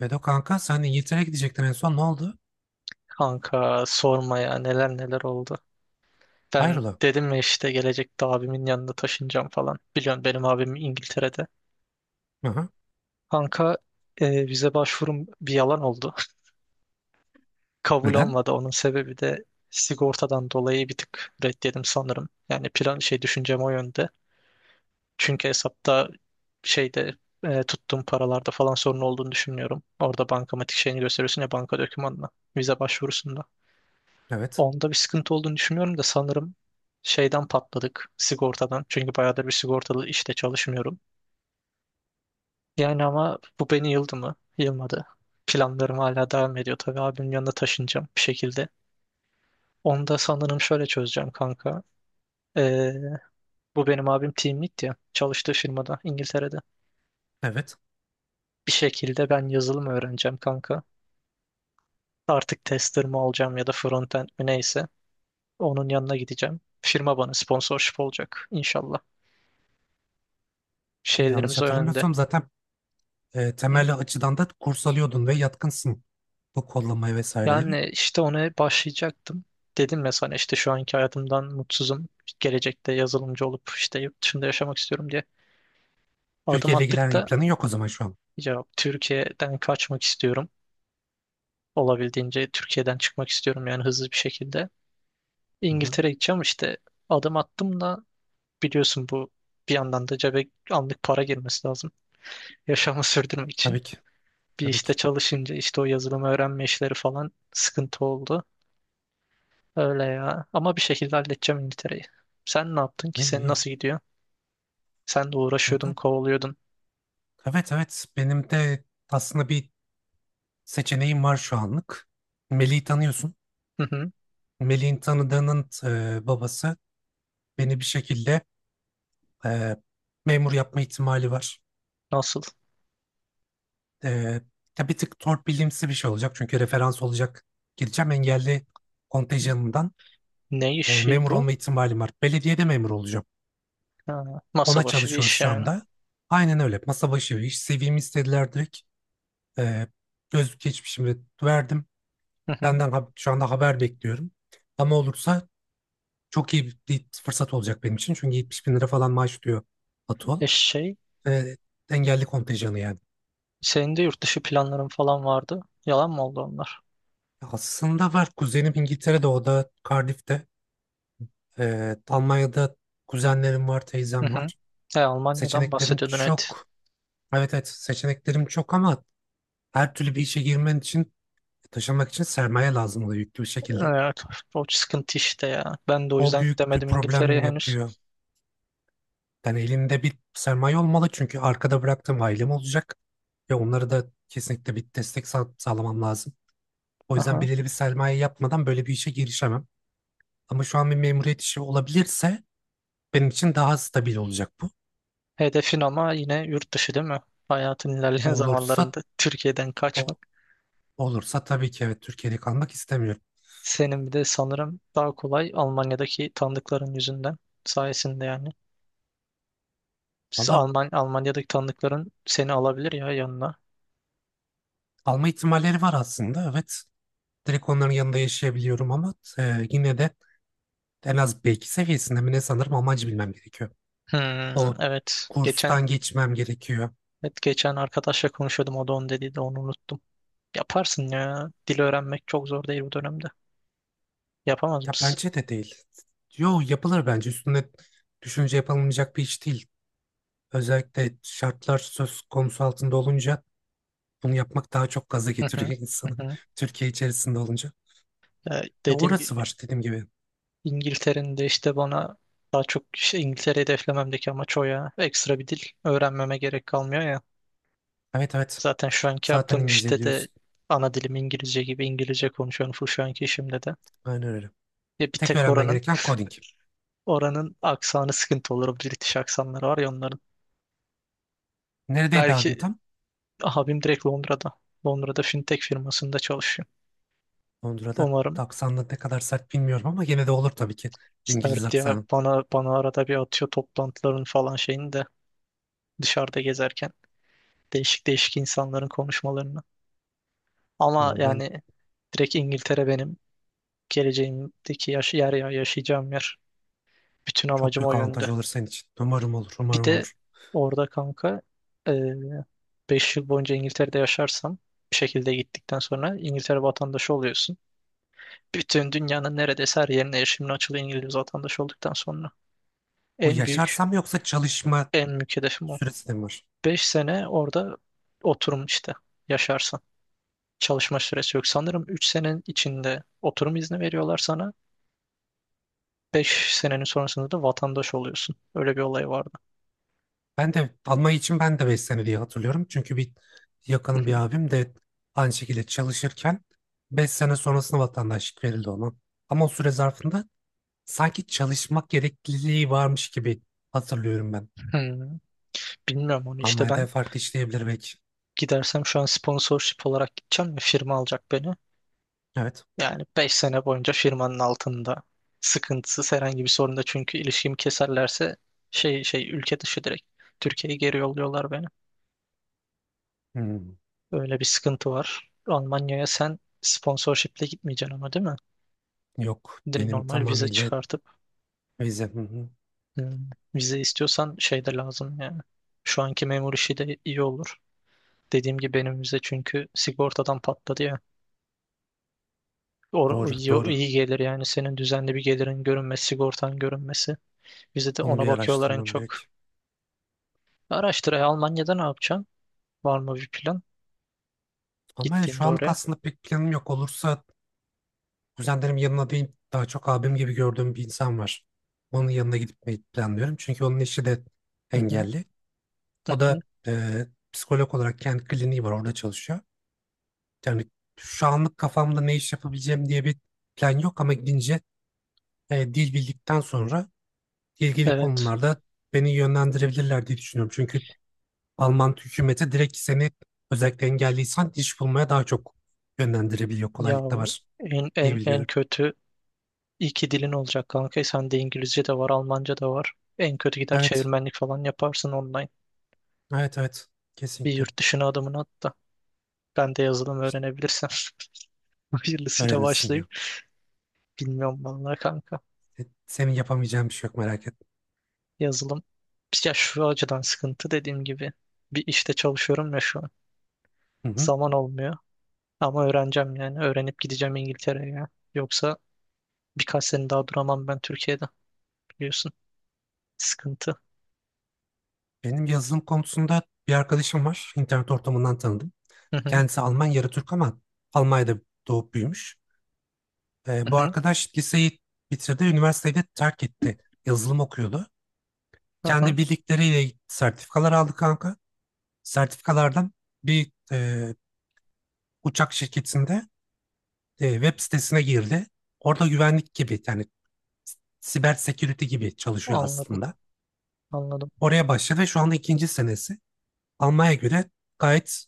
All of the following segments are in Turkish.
Vedo kanka sen İngiltere'ye gidecektin, en son ne oldu? Kanka sorma ya neler neler oldu. Ben Hayrola? dedim ya işte gelecekte abimin yanına taşınacağım falan. Biliyorsun benim abim İngiltere'de. Hı hı. Kanka vize başvurum bir yalan oldu. Kabul Neden? olmadı. Onun sebebi de sigortadan dolayı bir tık reddedim sanırım. Yani plan şey düşüncem o yönde. Çünkü hesapta şeyde tuttuğum paralarda falan sorun olduğunu düşünmüyorum. Orada bankamatik şeyini gösteriyorsun ya banka dokümanına. Vize başvurusunda. Evet. Onda bir sıkıntı olduğunu düşünmüyorum da sanırım patladık sigortadan. Çünkü bayağıdır bir sigortalı işte çalışmıyorum. Yani ama bu beni yıldı mı? Yılmadı. Planlarım hala devam ediyor. Tabii abimin yanına taşınacağım bir şekilde. Onu da sanırım şöyle çözeceğim kanka. Ee, Bu benim abim team lead ya. Çalıştığı firmada İngiltere'de. Evet. Bir şekilde ben yazılım öğreneceğim kanka. Artık tester mi olacağım ya da front end mi neyse. Onun yanına gideceğim. Firma bana sponsorship olacak inşallah. Dün, yanlış Şeylerimiz o yönde. hatırlamıyorsam zaten temelli açıdan da kurs alıyordun ve yatkınsın. Bu kollamaya vesaire değil mi? Yani işte ona başlayacaktım. Dedim ya sana işte şu anki hayatımdan mutsuzum. Gelecekte yazılımcı olup işte yurt dışında yaşamak istiyorum diye adım Türkiye ile attık ilgilenen bir da planın yok o zaman şu an. ya Türkiye'den kaçmak istiyorum. Olabildiğince Türkiye'den çıkmak istiyorum yani hızlı bir şekilde. Hı hı. İngiltere'ye gideceğim işte adım attım da biliyorsun bu bir yandan da cebe anlık para girmesi lazım. Yaşamı sürdürmek için. Tabii ki. Bir Tabii işte ki. çalışınca işte o yazılımı öğrenme işleri falan sıkıntı oldu. Öyle ya. Ama bir şekilde halledeceğim İngiltere'yi. Sen ne yaptın Ne ki? iyi Senin iyi nasıl gidiyor? Sen de uğraşıyordun, kanka. kovalıyordun. Evet benim de aslında bir seçeneğim var şu anlık. Melih'i tanıyorsun. Hı hı. Melih'in tanıdığının babası beni bir şekilde, e, memur yapma ihtimali var. Nasıl? Ee, tabii bir tık torpilimsi bir şey olacak. Çünkü referans olacak. Gideceğim engelli kontenjanından, Ne işi memur bu? olma ihtimalim var. Belediyede memur olacağım. Ha, masa Ona başı bir çalışıyoruz iş şu yani. anda. Aynen öyle. Masa başı bir iş. CV'mi istediler direkt. Ee, Gözlük geçmişimi verdim. Hı hı. Benden şu anda haber bekliyorum. Ama olursa çok iyi bir fırsat olacak benim için. Çünkü 70 bin lira falan maaş diyor Atol. E şey, Ee, Engelli kontenjanı yani. Senin de yurt dışı planların falan vardı. Yalan mı oldu onlar? Aslında var. Kuzenim İngiltere'de, o da Cardiff'te. Almanya'da kuzenlerim var, Hı teyzem hı. var. Almanya'dan Seçeneklerim bahsediyordun evet. çok. Evet seçeneklerim çok ama her türlü bir işe girmen için, taşınmak için sermaye lazım oluyor yüklü bir şekilde. Evet, o sıkıntı işte ya. Ben de o O yüzden büyük bir gidemedim İngiltere'ye problem henüz. yapıyor. Yani elinde bir sermaye olmalı, çünkü arkada bıraktığım ailem olacak. Ve onlara da kesinlikle bir destek sağlamam lazım. O yüzden Aha. belirli bir sermaye yapmadan böyle bir işe girişemem. Ama şu an bir memuriyet işi olabilirse benim için daha stabil olacak bu. Hedefin ama yine yurt dışı değil mi? Hayatın O ilerleyen Olursa zamanlarında Türkiye'den kaçma. o Olursa tabii ki, evet, Türkiye'de kalmak istemiyorum. Senin bir de sanırım daha kolay Almanya'daki tanıdıkların sayesinde yani. Siz Valla Alman Almanya'daki tanıdıkların seni alabilir ya yanına. kalma ihtimalleri var aslında, evet. Direkt onların yanında yaşayabiliyorum ama yine de en az B2 seviyesinde mi ne, sanırım amacı bilmem gerekiyor. Hmm, O evet. Geçen kurstan geçmem gerekiyor. evet, geçen arkadaşla konuşuyordum o da onu dediydi onu unuttum. Yaparsın ya. Dil öğrenmek çok zor değil bu dönemde. Yapamaz Ya mısın? bence de değil. Yo, yapılır bence, üstüne düşünce yapılmayacak bir iş değil. Özellikle şartlar söz konusu altında olunca bunu yapmak daha çok gaza Hı hı. getiriyor Hı insanı. hı. Türkiye içerisinde olunca. Ya Dediğim orası gibi var, dediğim gibi. İngiltere'nin de işte bana daha çok İngiltere hedeflememdeki amaç o ya. Ekstra bir dil öğrenmeme gerek kalmıyor ya. Evet Zaten şu anki zaten yaptığım İngilizce işte de biliyorsun. ana dilim İngilizce gibi İngilizce konuşuyorum full şu anki işimde de. Aynen öyle. Ya bir Tek tek öğrenmen oranın gereken coding. oranın aksanı sıkıntı olur. O British aksanları var ya onların. Neredeydi abin Belki tam? abim direkt Londra'da. Londra'da fintech firmasında çalışıyor. Londra'da Umarım aksanla ne kadar sert bilmiyorum ama gene de olur tabii ki. İngiliz sert ya aksanı. bana arada bir atıyor toplantıların falan şeyini de dışarıda gezerken değişik değişik insanların konuşmalarını. Ama Ben yani direkt İngiltere benim geleceğimdeki yaşayacağım yer. Bütün çok amacım o büyük yönde. avantaj olur senin için. Umarım olur, Bir umarım de olur. orada kanka e, 5 yıl boyunca İngiltere'de yaşarsam bir şekilde gittikten sonra İngiltere vatandaşı oluyorsun. Bütün dünyanın neredeyse her yerine erişimin açılı İngiliz vatandaşı olduktan sonra. Bu En büyük, yaşarsam yoksa çalışma en büyük hedefim o. süresi de mi var? 5 sene orada oturum işte yaşarsan. Çalışma süresi yok. Sanırım 3 senenin içinde oturum izni veriyorlar sana. 5 senenin sonrasında da vatandaş oluyorsun. Öyle bir olay vardı. Ben de Almanya için ben de 5 sene diye hatırlıyorum. Çünkü bir Hı yakınım, bir hı. abim de aynı şekilde çalışırken 5 sene sonrasında vatandaşlık verildi ona. Ama o süre zarfında sanki çalışmak gerekliliği varmış gibi hatırlıyorum ben. Hmm. Bilmiyorum onu işte Almanya'da ben farklı işleyebilir belki. gidersem şu an sponsorship olarak gideceğim ve firma alacak beni. Evet. Yani 5 sene boyunca firmanın altında sıkıntısız herhangi bir sorunda çünkü ilişkimi keserlerse ülke dışı direkt Türkiye'ye geri yolluyorlar beni. Hmm. Öyle bir sıkıntı var. Almanya'ya sen sponsorshiple gitmeyeceksin ama değil mi? Yok, benim Normal vize tamamıyla çıkartıp vize. Hı hı. hmm, vize istiyorsan şey de lazım yani. Şu anki memur işi de iyi olur. Dediğim gibi benim vize çünkü sigortadan patladı ya. O, Doğru iyi, doğru. iyi gelir yani senin düzenli bir gelirin görünmesi, sigortan görünmesi. Bize de Onu ona bir bakıyorlar en araştırmam çok. gerek. Araştır. Almanya'da ne yapacaksın? Var mı bir plan Almanya şu gittiğinde anlık oraya? aslında pek planım yok. Olursa kuzenlerim yanına değil, daha çok abim gibi gördüğüm bir insan var. Onun yanına gitmeyi planlıyorum. Çünkü onun eşi de Hı hı, engelli. hı O hı. da psikolog olarak kendi kliniği var, orada çalışıyor. Yani şu anlık kafamda ne iş yapabileceğim diye bir plan yok ama gidince, dil bildikten sonra ilgili Evet. konularda beni yönlendirebilirler diye düşünüyorum. Çünkü Alman hükümeti direkt seni, özellikle engelliysen, iş bulmaya daha çok yönlendirebiliyor. Ya Kolaylık da bu var en diye en en biliyorum. kötü iki dilin olacak kanka. Sende İngilizce de var, Almanca da var. En kötü gider Evet, çevirmenlik falan yaparsın online. evet, evet. Bir Kesinlikle. yurt dışına adımını at da. Ben de yazılım İşte öğrenebilirsem. Hayırlısıyla öğrenirsin başlayıp. ya. Bilmiyorum vallahi kanka. Senin yapamayacağın bir şey yok, merak etme. Yazılım. Ya şu açıdan sıkıntı dediğim gibi bir işte çalışıyorum ya şu an. Hı hı. Zaman olmuyor ama öğreneceğim yani öğrenip gideceğim İngiltere'ye ya. Yoksa birkaç sene daha duramam ben Türkiye'de biliyorsun. Sıkıntı. Benim yazılım konusunda bir arkadaşım var. İnternet ortamından tanıdım. Hı hı, Kendisi Alman, yarı Türk ama Almanya'da doğup büyümüş. hı E, bu hı, arkadaş liseyi bitirdi, üniversiteyi de terk etti. Yazılım okuyordu. hı hı. Kendi bildikleriyle sertifikalar aldı kanka. Sertifikalardan bir uçak şirketinde, web sitesine girdi. Orada güvenlik gibi, yani siber security gibi çalışıyor Anladım, aslında. anladım. Oraya başladı ve şu anda ikinci senesi. Almaya göre gayet,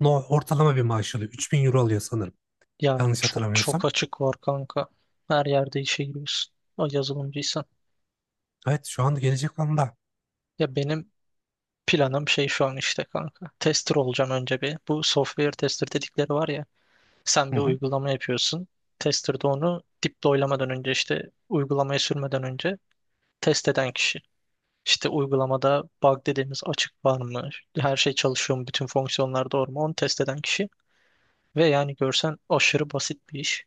no, ortalama bir maaş alıyor. 3000 euro alıyor sanırım. Ya Yanlış çok çok hatırlamıyorsam. açık var kanka. Her yerde işe giriyorsun. O yazılımcıysan. Evet şu anda gelecek anda. Ya benim planım şu an işte kanka. Tester olacağım önce bir. Bu software tester dedikleri var ya. Sen Hı bir hı, uygulama yapıyorsun. Tester de onu deploy'lamadan önce işte uygulamaya sürmeden önce test eden kişi. İşte uygulamada bug dediğimiz açık var mı? Her şey çalışıyor mu? Bütün fonksiyonlar doğru mu? Onu test eden kişi. Ve yani görsen aşırı basit bir iş.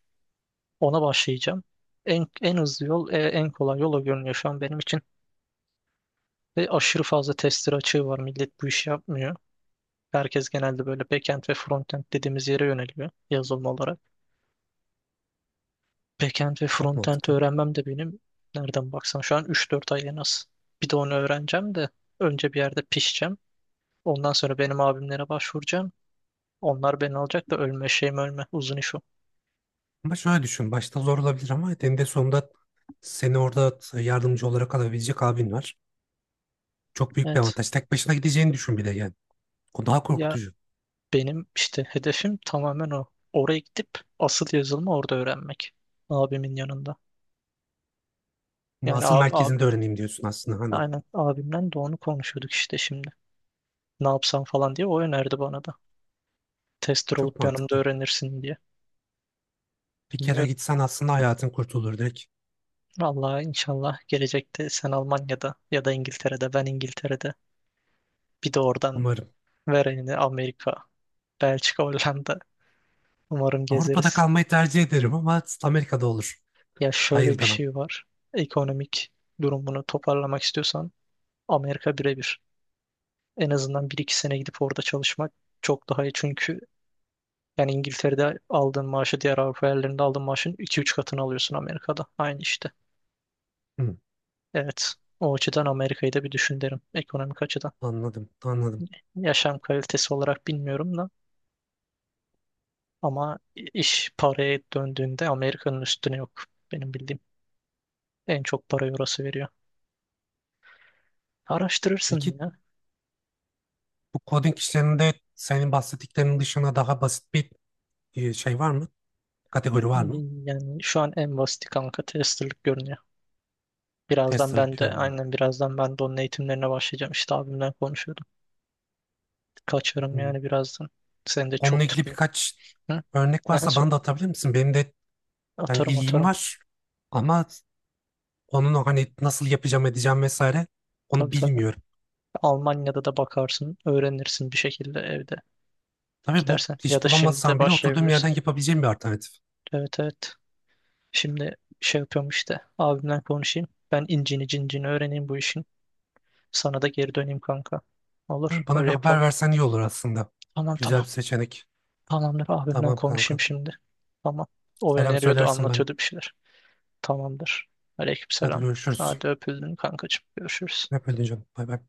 Ona başlayacağım. En hızlı yol, en kolay yol o görünüyor şu an benim için. Ve aşırı fazla tester açığı var. Millet bu işi yapmıyor. Herkes genelde böyle backend ve frontend dediğimiz yere yöneliyor yazılım olarak. Backend ve çok frontend mantıklı. öğrenmem de benim nereden baksan şu an üç dört ay en az. Bir de onu öğreneceğim de önce bir yerde pişeceğim. Ondan sonra benim abimlere başvuracağım. Onlar beni alacak da ölme şeyim ölme. Uzun iş o. Ama şöyle düşün. Başta zor olabilir ama eninde sonunda seni orada yardımcı olarak alabilecek abin var. Çok büyük bir Evet. avantaj. Tek başına gideceğini düşün bir de yani. O daha Ya korkutucu. benim işte hedefim tamamen o. Oraya gidip asıl yazılımı orada öğrenmek. Abimin yanında. Ama Yani asıl abi, abi. merkezinde öğreneyim diyorsun aslında, anladım. Aynen abimden de onu konuşuyorduk işte şimdi. Ne yapsam falan diye o önerdi bana da. Tester Çok olup yanımda mantıklı. öğrenirsin diye. Bir kere Bilmiyorum. gitsen aslında hayatın kurtulur direkt. Vallahi inşallah gelecekte sen Almanya'da ya da İngiltere'de ben İngiltere'de bir de oradan Umarım. verenini Amerika, Belçika, Hollanda umarım Avrupa'da gezeriz. kalmayı tercih ederim ama Amerika'da olur. Ya şöyle Hayır bir demem. şey var. Ekonomik durumunu toparlamak istiyorsan Amerika birebir. En azından bir iki sene gidip orada çalışmak çok daha iyi. Çünkü yani İngiltere'de aldığın maaşı diğer Avrupa yerlerinde aldığın maaşın iki üç katını alıyorsun Amerika'da. Aynı işte. Hı, Evet. O açıdan Amerika'yı da bir düşün derim. Ekonomik açıdan. anladım, anladım. Yaşam kalitesi olarak bilmiyorum da. Ama iş paraya döndüğünde Amerika'nın üstüne yok. Benim bildiğim en çok parayı orası veriyor. Araştırırsın Peki ya. bu coding işlerinde senin bahsettiklerinin dışında daha basit bir şey var mı? Kategori var mı? Yani şu an en basiti kanka testerlık görünüyor. Birazdan Testerlık ben de görünüyor. aynen birazdan ben de onun eğitimlerine başlayacağım. İşte abimle konuşuyordum. Kaçarım Hı. yani birazdan. Seni de Onunla çok ilgili tutmayayım. birkaç Hı? örnek Aha, varsa sor. bana da atabilir misin? Benim de yani Atarım ilgim atarım. var ama onun, o hani nasıl yapacağım edeceğim vesaire, onu Tabii tabii. bilmiyorum. Almanya'da da bakarsın. Öğrenirsin bir şekilde evde Tabii bu gidersen. Ya iş da şimdi de bulamazsam bile oturduğum yerden başlayabilirsin. yapabileceğim bir alternatif. Evet evet. Şimdi şey yapıyorum işte. Abimle konuşayım. Ben incini cincini öğreneyim bu işin. Sana da geri döneyim kanka. Ha, Olur. bana Öyle bir haber yapalım. versen iyi olur aslında. Tamam Güzel tamam. bir seçenek. Tamamdır. Abimle Tamam kanka. konuşayım şimdi. Tamam. O Selam öneriyordu, söylersin ben. anlatıyordu bir şeyler. Tamamdır. Hadi Aleykümselam. görüşürüz. Hadi öpüldün kankacığım. Görüşürüz. Hep öyle canım. Bay bay.